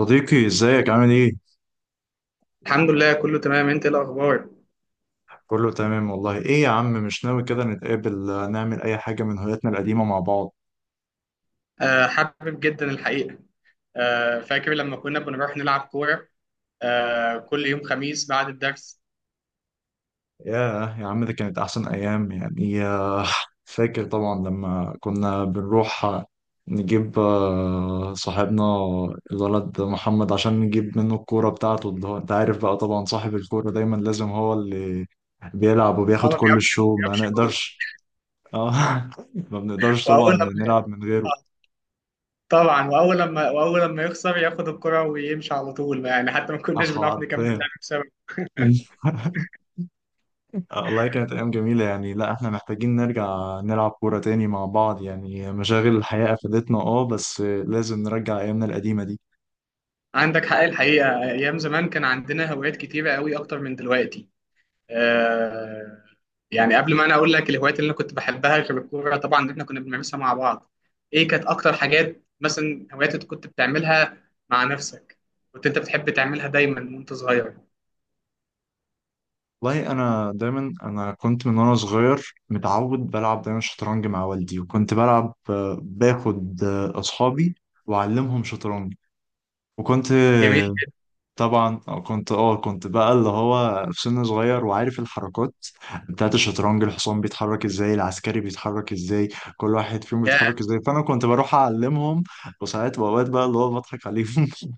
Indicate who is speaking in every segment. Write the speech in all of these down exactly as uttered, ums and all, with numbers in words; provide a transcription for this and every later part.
Speaker 1: صديقي ازيك عامل ايه؟
Speaker 2: الحمد لله، كله تمام. انت ايه الاخبار؟
Speaker 1: كله تمام والله. ايه يا عم، مش ناوي كده نتقابل، آه، نعمل اي حاجة من هواياتنا القديمة مع بعض؟
Speaker 2: آه، حابب جدا الحقيقه. آه، فاكر لما كنا بنروح نلعب كوره. آه، كل يوم خميس بعد الدرس.
Speaker 1: ياه يا عم، ده كانت احسن ايام يعني. آه، فاكر طبعا لما كنا بنروح آه، نجيب آه، صاحبنا الولد محمد عشان نجيب منه الكورة بتاعته، اللي هو انت عارف بقى طبعا، صاحب الكورة دايما لازم هو اللي بيلعب
Speaker 2: اه،
Speaker 1: وبياخد
Speaker 2: ما
Speaker 1: كل
Speaker 2: بيقفش ما
Speaker 1: الشو، ما
Speaker 2: بيقفش جول.
Speaker 1: نقدرش. اه ما بنقدرش طبعا
Speaker 2: واول لما
Speaker 1: نلعب من غيره.
Speaker 2: آه، طبعا واول لما واول لما يخسر ياخد الكره ويمشي على طول، يعني حتى ما
Speaker 1: آه،
Speaker 2: كناش بنعرف نكمل
Speaker 1: حرفيا.
Speaker 2: لعب بسبب.
Speaker 1: آه، والله كانت أيام جميلة يعني. لا احنا محتاجين نرجع نلعب كورة تاني مع بعض، يعني مشاغل الحياة أفادتنا اه، بس لازم نرجع أيامنا القديمة دي.
Speaker 2: عندك حق الحقيقه. ايام زمان كان عندنا هوايات كتيره قوي، اكتر من دلوقتي. آه، يعني قبل ما انا اقول لك الهوايات اللي انا كنت بحبها غير الكوره طبعا، إن احنا كنا بنمارسها مع بعض، ايه كانت اكتر حاجات مثلا، هوايات انت كنت بتعملها مع نفسك، كنت انت بتحب تعملها دايما وانت صغير؟
Speaker 1: والله أنا دايما، أنا كنت من وأنا صغير متعود بلعب دايما شطرنج مع والدي، وكنت بلعب، آه، باخد آه، أصحابي وأعلمهم شطرنج. وكنت
Speaker 2: جميل.
Speaker 1: طبعا آه، كنت اه كنت بقى اللي هو في سن صغير وعارف الحركات بتاعت الشطرنج، الحصان بيتحرك ازاي، العسكري بيتحرك ازاي، كل واحد فيهم
Speaker 2: يا
Speaker 1: بيتحرك ازاي، فانا كنت بروح اعلمهم. وساعات واوقات بقى اللي هو بضحك عليهم،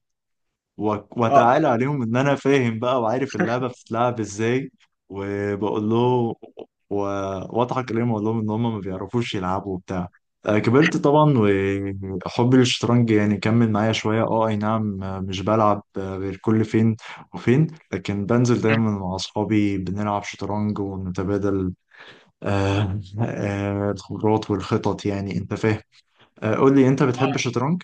Speaker 1: و-
Speaker 2: اه.
Speaker 1: واتعالى عليهم ان انا فاهم بقى وعارف اللعبه بتتلعب ازاي. وبقول له و- واضحك عليهم واقول لهم ان هم ما بيعرفوش يلعبوا وبتاع. آه، كبرت طبعا، وحبي للشطرنج يعني كمل معايا شويه اه، اي نعم، آه، مش بلعب آه، غير كل فين وفين، لكن بنزل دايما مع اصحابي بنلعب شطرنج ونتبادل آه، آه، الخبرات والخطط، يعني انت فاهم. آه، قول لي، انت بتحب الشطرنج؟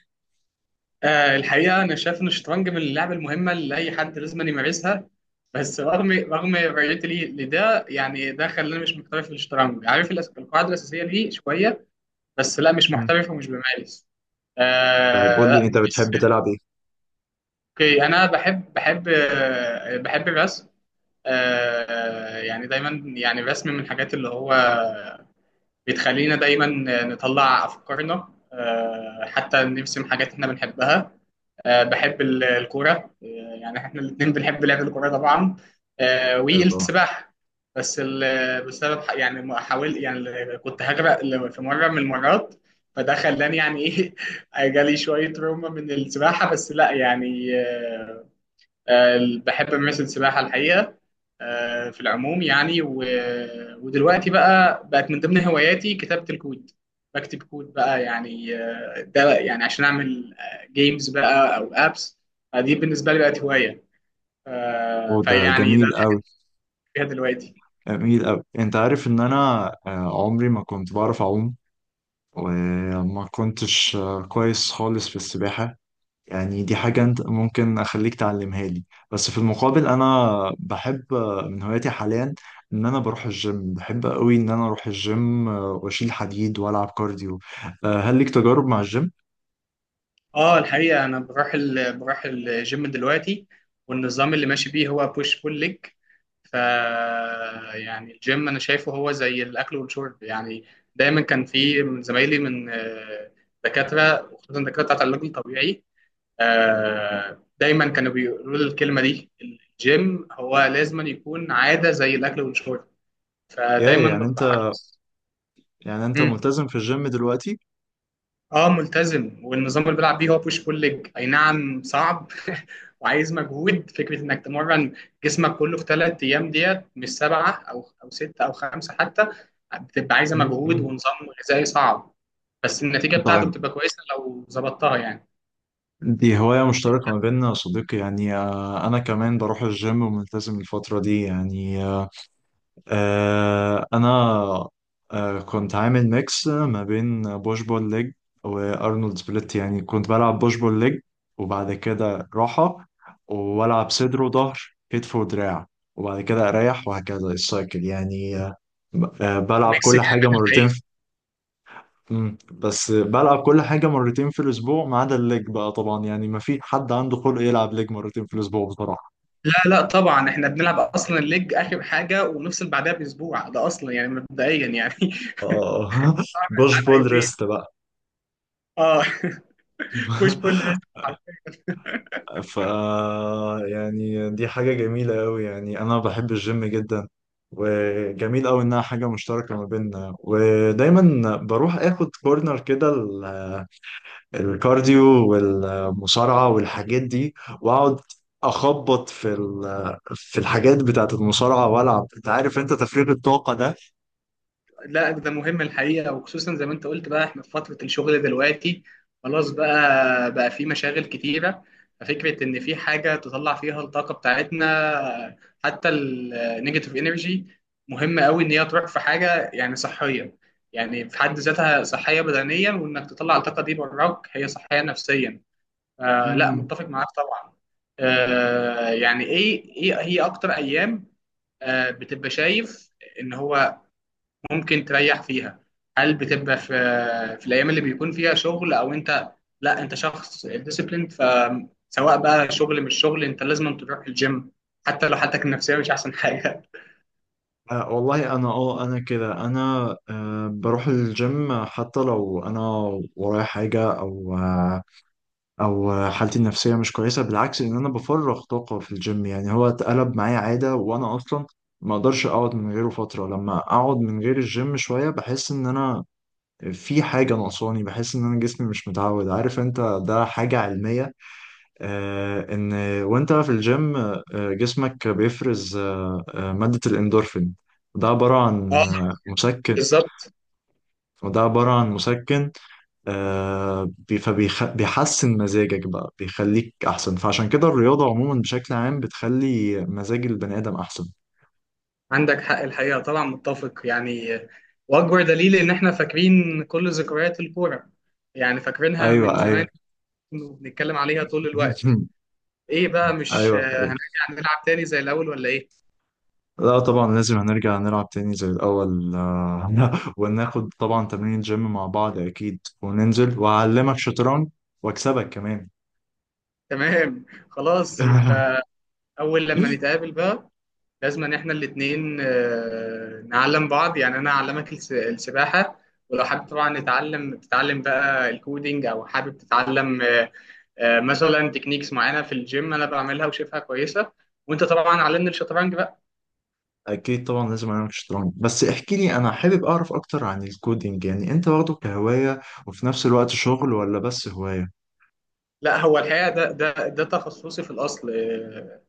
Speaker 2: آه، الحقيقه انا شايف ان الشطرنج من اللعب المهمه اللي اي حد لازم أن يمارسها. بس رغم رغم رؤيتي ليه لده، يعني ده خلاني مش محترف في الشطرنج. عارف الأس- القاعده الاساسيه ليه شويه، بس لا، مش
Speaker 1: مم.
Speaker 2: محترف ومش بمارس. آه
Speaker 1: طيب قول لي،
Speaker 2: لا،
Speaker 1: انت
Speaker 2: بس.
Speaker 1: بتحب تلعب ايه؟
Speaker 2: اوكي، انا بحب بحب آه، بحب الرسم. آه، يعني دايما يعني الرسم من الحاجات اللي هو بتخلينا دايما نطلع افكارنا، آه، حتى نرسم حاجات احنا بنحبها. آه، بحب ال- الكوره. آه، يعني احنا الاثنين بنحب لعب الكوره طبعا. آه،
Speaker 1: آه، طبعا.
Speaker 2: والسباحه. بس ال- بسبب ح- يعني ما حاول، يعني كنت هغرق ل- في مره من المرات، فده خلاني يعني ايه جالي شويه روما من السباحه، بس لا يعني، آه، آه، بحب أمارس السباحة الحقيقة. آه، في العموم يعني و... ودلوقتي بقى بقت من ضمن هواياتي كتابة الكود. بكتب كود بقى، يعني آه، ده يعني عشان أعمل جيمز بقى أو أبس. دي بالنسبة لي بقت هواية. آه،
Speaker 1: وده
Speaker 2: فيعني ده
Speaker 1: جميل أوي،
Speaker 2: فيها دلوقتي.
Speaker 1: جميل أوي. أنت عارف إن أنا آه، عمري ما كنت بعرف أعوم، وما كنتش آه، كويس خالص في السباحة. يعني دي حاجة أنت ممكن أخليك تعلمها لي. بس في المقابل أنا بحب، آه، من هواياتي حاليا، إن أنا بروح الجيم. بحب أوي إن أنا أروح الجيم، آه، وأشيل حديد وألعب كارديو. آه، هل ليك تجارب مع الجيم؟
Speaker 2: اه، الحقيقة أنا بروح ال... بروح الجيم دلوقتي، والنظام اللي ماشي بيه هو بوش بول ليج، ف يعني الجيم انا شايفه هو زي الاكل والشرب يعني. دايما كان في من زمايلي من آه، دكاتره، وخصوصا الدكاتره بتاعت العلاج الطبيعي. آه، دايما كانوا بيقولوا لي الكلمه دي: الجيم هو لازم يكون عاده زي الاكل والشرب.
Speaker 1: يا
Speaker 2: فدايما
Speaker 1: يعني أنت،
Speaker 2: ببقى حريص.
Speaker 1: يعني أنت ملتزم في الجيم دلوقتي؟
Speaker 2: اه، ملتزم، والنظام اللي بيلعب بيه هو بوش بول ليج، اي نعم، صعب وعايز مجهود. فكره انك تمرن جسمك كله في ثلاث ايام ديت، مش سبعه او او سته او خمسه حتى. بتبقى عايزه
Speaker 1: م- م.
Speaker 2: مجهود ونظام غذائي صعب، بس النتيجه بتاعته
Speaker 1: طيب،
Speaker 2: بتبقى كويسه لو ظبطتها يعني.
Speaker 1: دي هواية مشتركة ما بيننا يا صديقي. يعني آه، أنا كمان بروح الجيم وملتزم الفترة دي، يعني آه، آه، أنا آه، كنت عامل ميكس ما بين بوش بول ليج وأرنولد سبليت. يعني كنت بلعب بوش بول ليج وبعد كده راحة، وألعب صدر وظهر، كتف ودراع، وبعد كده أريح، وهكذا السايكل. يعني آه، ب- آه، بلعب
Speaker 2: ميكس
Speaker 1: كل حاجة
Speaker 2: جامد
Speaker 1: مرتين.
Speaker 2: الحقيقه.
Speaker 1: مم. بس بلعب كل حاجة مرتين في الأسبوع، ما عدا الليج بقى طبعا، يعني ما في حد عنده خلق يلعب ليج مرتين في الأسبوع بصراحة.
Speaker 2: لا لا، طبعا احنا بنلعب اصلا الليج اخر حاجه ونفصل بعدها باسبوع، ده اصلا يعني مبدئيا يعني.
Speaker 1: آه بوش بول
Speaker 2: يومين.
Speaker 1: ريست بقى.
Speaker 2: اه. بوش بول.
Speaker 1: ف يعني دي حاجة جميلة أوي. يعني أنا بحب الجيم جدا، وجميل أوي إنها حاجة مشتركة ما بيننا. ودايما بروح آخد كورنر كده الكارديو والمصارعة والحاجات دي، واقعد اخبط في ال- في الحاجات بتاعت المصارعة والعب، انت عارف انت، تفريغ الطاقة ده.
Speaker 2: لا، ده مهم الحقيقة، وخصوصا زي ما انت قلت بقى، احنا في فترة الشغل دلوقتي، خلاص بقى بقى في مشاغل كتيرة. ففكرة ان في حاجة تطلع فيها الطاقة بتاعتنا حتى النيجاتيف انرجي، مهمة قوي. ان هي تروح في حاجة يعني صحية، يعني في حد ذاتها صحية بدنيا، وانك تطلع الطاقة دي براك هي صحية نفسيا. آه لا،
Speaker 1: مم.
Speaker 2: متفق معاك طبعا. آه، يعني ايه ايه هي اكتر ايام آه بتبقى شايف ان هو ممكن تريح فيها؟ هل بتبقى في في الايام اللي بيكون فيها شغل، او انت، لا، انت شخص ديسيبلين، فسواء بقى شغل مش شغل انت لازم تروح الجيم حتى لو حالتك النفسيه مش احسن حاجه؟
Speaker 1: آه والله انا، اه انا كده انا آه بروح الجيم حتى لو انا ورايا حاجه، او آه او حالتي النفسيه مش كويسه. بالعكس، ان انا بفرغ طاقه في الجيم. يعني هو اتقلب معايا عاده، وانا اصلا ما اقدرش اقعد من غيره فتره. لما اقعد من غير الجيم شويه بحس ان انا في حاجة ناقصاني، بحس إن أنا جسمي مش متعود. عارف أنت، ده حاجة علمية. آه إن وأنت في الجيم، آه جسمك بيفرز آه آه مادة الإندورفين. ده عبارة
Speaker 2: اه،
Speaker 1: عن آه مسكن،
Speaker 2: بالظبط.
Speaker 1: وده عبارة عن مسكن. آه بي- فبيخ... بيحسن مزاجك بقى، بيخليك أحسن. فعشان كده الرياضة عموما بشكل عام بتخلي مزاج البني آدم أحسن.
Speaker 2: عندك حق الحقيقه طبعا، متفق يعني. واكبر دليل ان احنا فاكرين كل ذكريات الكوره، يعني فاكرينها من
Speaker 1: أيوه،
Speaker 2: زمان
Speaker 1: أيوه.
Speaker 2: وبنتكلم عليها طول الوقت. ايه بقى، مش
Speaker 1: أيوه.
Speaker 2: آه، هنرجع نلعب تاني زي الاول ولا ايه؟
Speaker 1: لا طبعا، لازم هنرجع نلعب تاني زي الأول، آه، وناخد طبعا تمرين جيم مع بعض أكيد، وننزل وأعلمك شطرنج وأكسبك كمان.
Speaker 2: تمام، خلاص. يبقى اول لما نتقابل بقى، لازم ان احنا الاثنين نعلم بعض، يعني انا اعلمك الس- السباحه، ولو حابب طبعا نتعلم تتعلم بقى الكودينج، او حابب تتعلم آه، آه، مثلا تكنيكس معينه في الجيم انا بعملها وشايفها كويسه، وانت طبعا علمني الشطرنج بقى.
Speaker 1: أكيد طبعا لازم أعلمك شطرنج. بس احكي لي، أنا حابب أعرف أكتر عن الكودينج. يعني أنت واخده كهواية وفي نفس الوقت شغل، ولا بس هواية؟
Speaker 2: لا، هو الحقيقه ده ده ده تخصصي في الاصل. آه،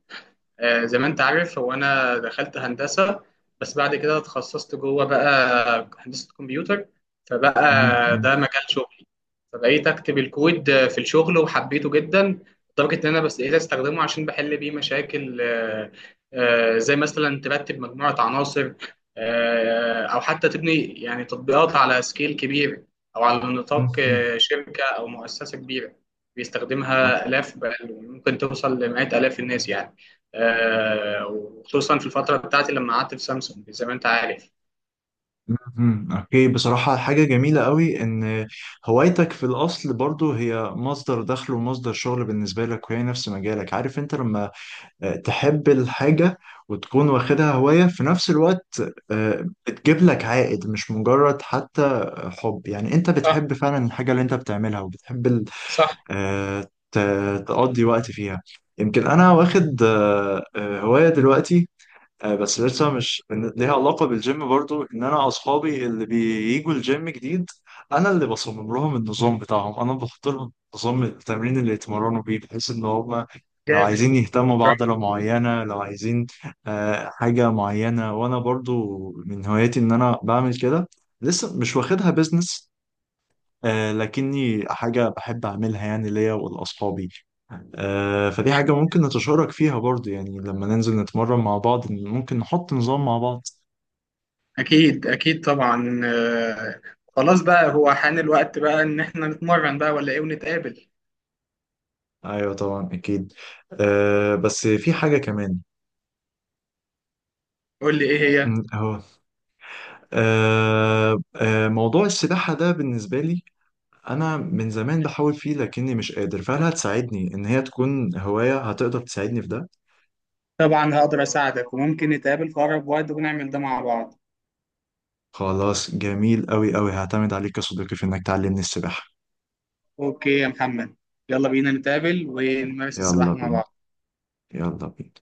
Speaker 2: آه، زي ما انت عارف، هو انا دخلت هندسه بس بعد كده اتخصصت جوه بقى هندسه كمبيوتر، فبقى
Speaker 1: مم، مم.
Speaker 2: ده مجال شغلي. فبقيت اكتب الكود في الشغل وحبيته جدا، لدرجه ان انا بس بقيت استخدمه عشان بحل بيه مشاكل، آه، آه، زي مثلا ترتب مجموعه عناصر، آه، او حتى تبني يعني تطبيقات على سكيل كبير، او على
Speaker 1: مم،
Speaker 2: نطاق
Speaker 1: مم.
Speaker 2: آه، شركه او مؤسسه كبيره بيستخدمها الاف، بل ممكن توصل لمئات الاف الناس يعني. آه، وخصوصا في الفترة بتاعتي لما قعدت في سامسونج زي ما انت عارف.
Speaker 1: مهم. اوكي، بصراحة حاجة جميلة قوي ان هوايتك في الاصل برضو هي مصدر دخل ومصدر شغل بالنسبة لك، وهي نفس مجالك. عارف انت لما آه، تحب الحاجة وتكون واخدها هواية في نفس الوقت، آه، بتجيب لك عائد، مش مجرد حتى حب. يعني انت
Speaker 2: صح،
Speaker 1: بتحب فعلا الحاجة اللي انت بتعملها، وبتحب ال-
Speaker 2: صح.
Speaker 1: آه، ت- تقضي وقت فيها. يمكن انا واخد آه، آه، هواية دلوقتي آه، بس لسه مش إن- ليها علاقة بالجيم برضو، ان انا اصحابي اللي بييجوا الجيم جديد انا اللي بصمم لهم النظام بتاعهم، انا بحط لهم نظام التمرين اللي يتمرنوا بيه، بحيث ان هم لو
Speaker 2: جامد.
Speaker 1: عايزين يهتموا
Speaker 2: رايح.
Speaker 1: بعضلة معينة، لو عايزين آه، حاجة معينة. وانا برضو من هواياتي ان انا بعمل كده، لسه مش واخدها بيزنس، آه، لكني حاجة بحب أعملها يعني ليا ولأصحابي. آه، فدي حاجة ممكن نتشارك فيها برضو، يعني لما ننزل نتمرن مع بعض ممكن نحط نظام مع بعض.
Speaker 2: اكيد اكيد طبعا. آه، خلاص بقى، هو حان الوقت بقى ان احنا نتمرن بقى ولا ايه، ونتقابل؟
Speaker 1: أيوة طبعا، أكيد. أه بس في حاجة كمان.
Speaker 2: قول لي، ايه هي؟
Speaker 1: م، أهو. أه أه، موضوع السباحة ده بالنسبة لي، أنا من زمان بحاول فيه لكني مش قادر. فهل هتساعدني إن هي تكون هواية؟ هتقدر تساعدني في ده؟
Speaker 2: طبعا هقدر اساعدك، وممكن نتقابل في اقرب وقت ونعمل ده مع بعض.
Speaker 1: خلاص، جميل أوي أوي. هعتمد عليك يا صديقي في إنك تعلمني السباحة.
Speaker 2: اوكي يا محمد، يلا بينا نتقابل ونمارس
Speaker 1: يلا
Speaker 2: السباحة مع
Speaker 1: بينا.
Speaker 2: بعض.
Speaker 1: يلا بينا.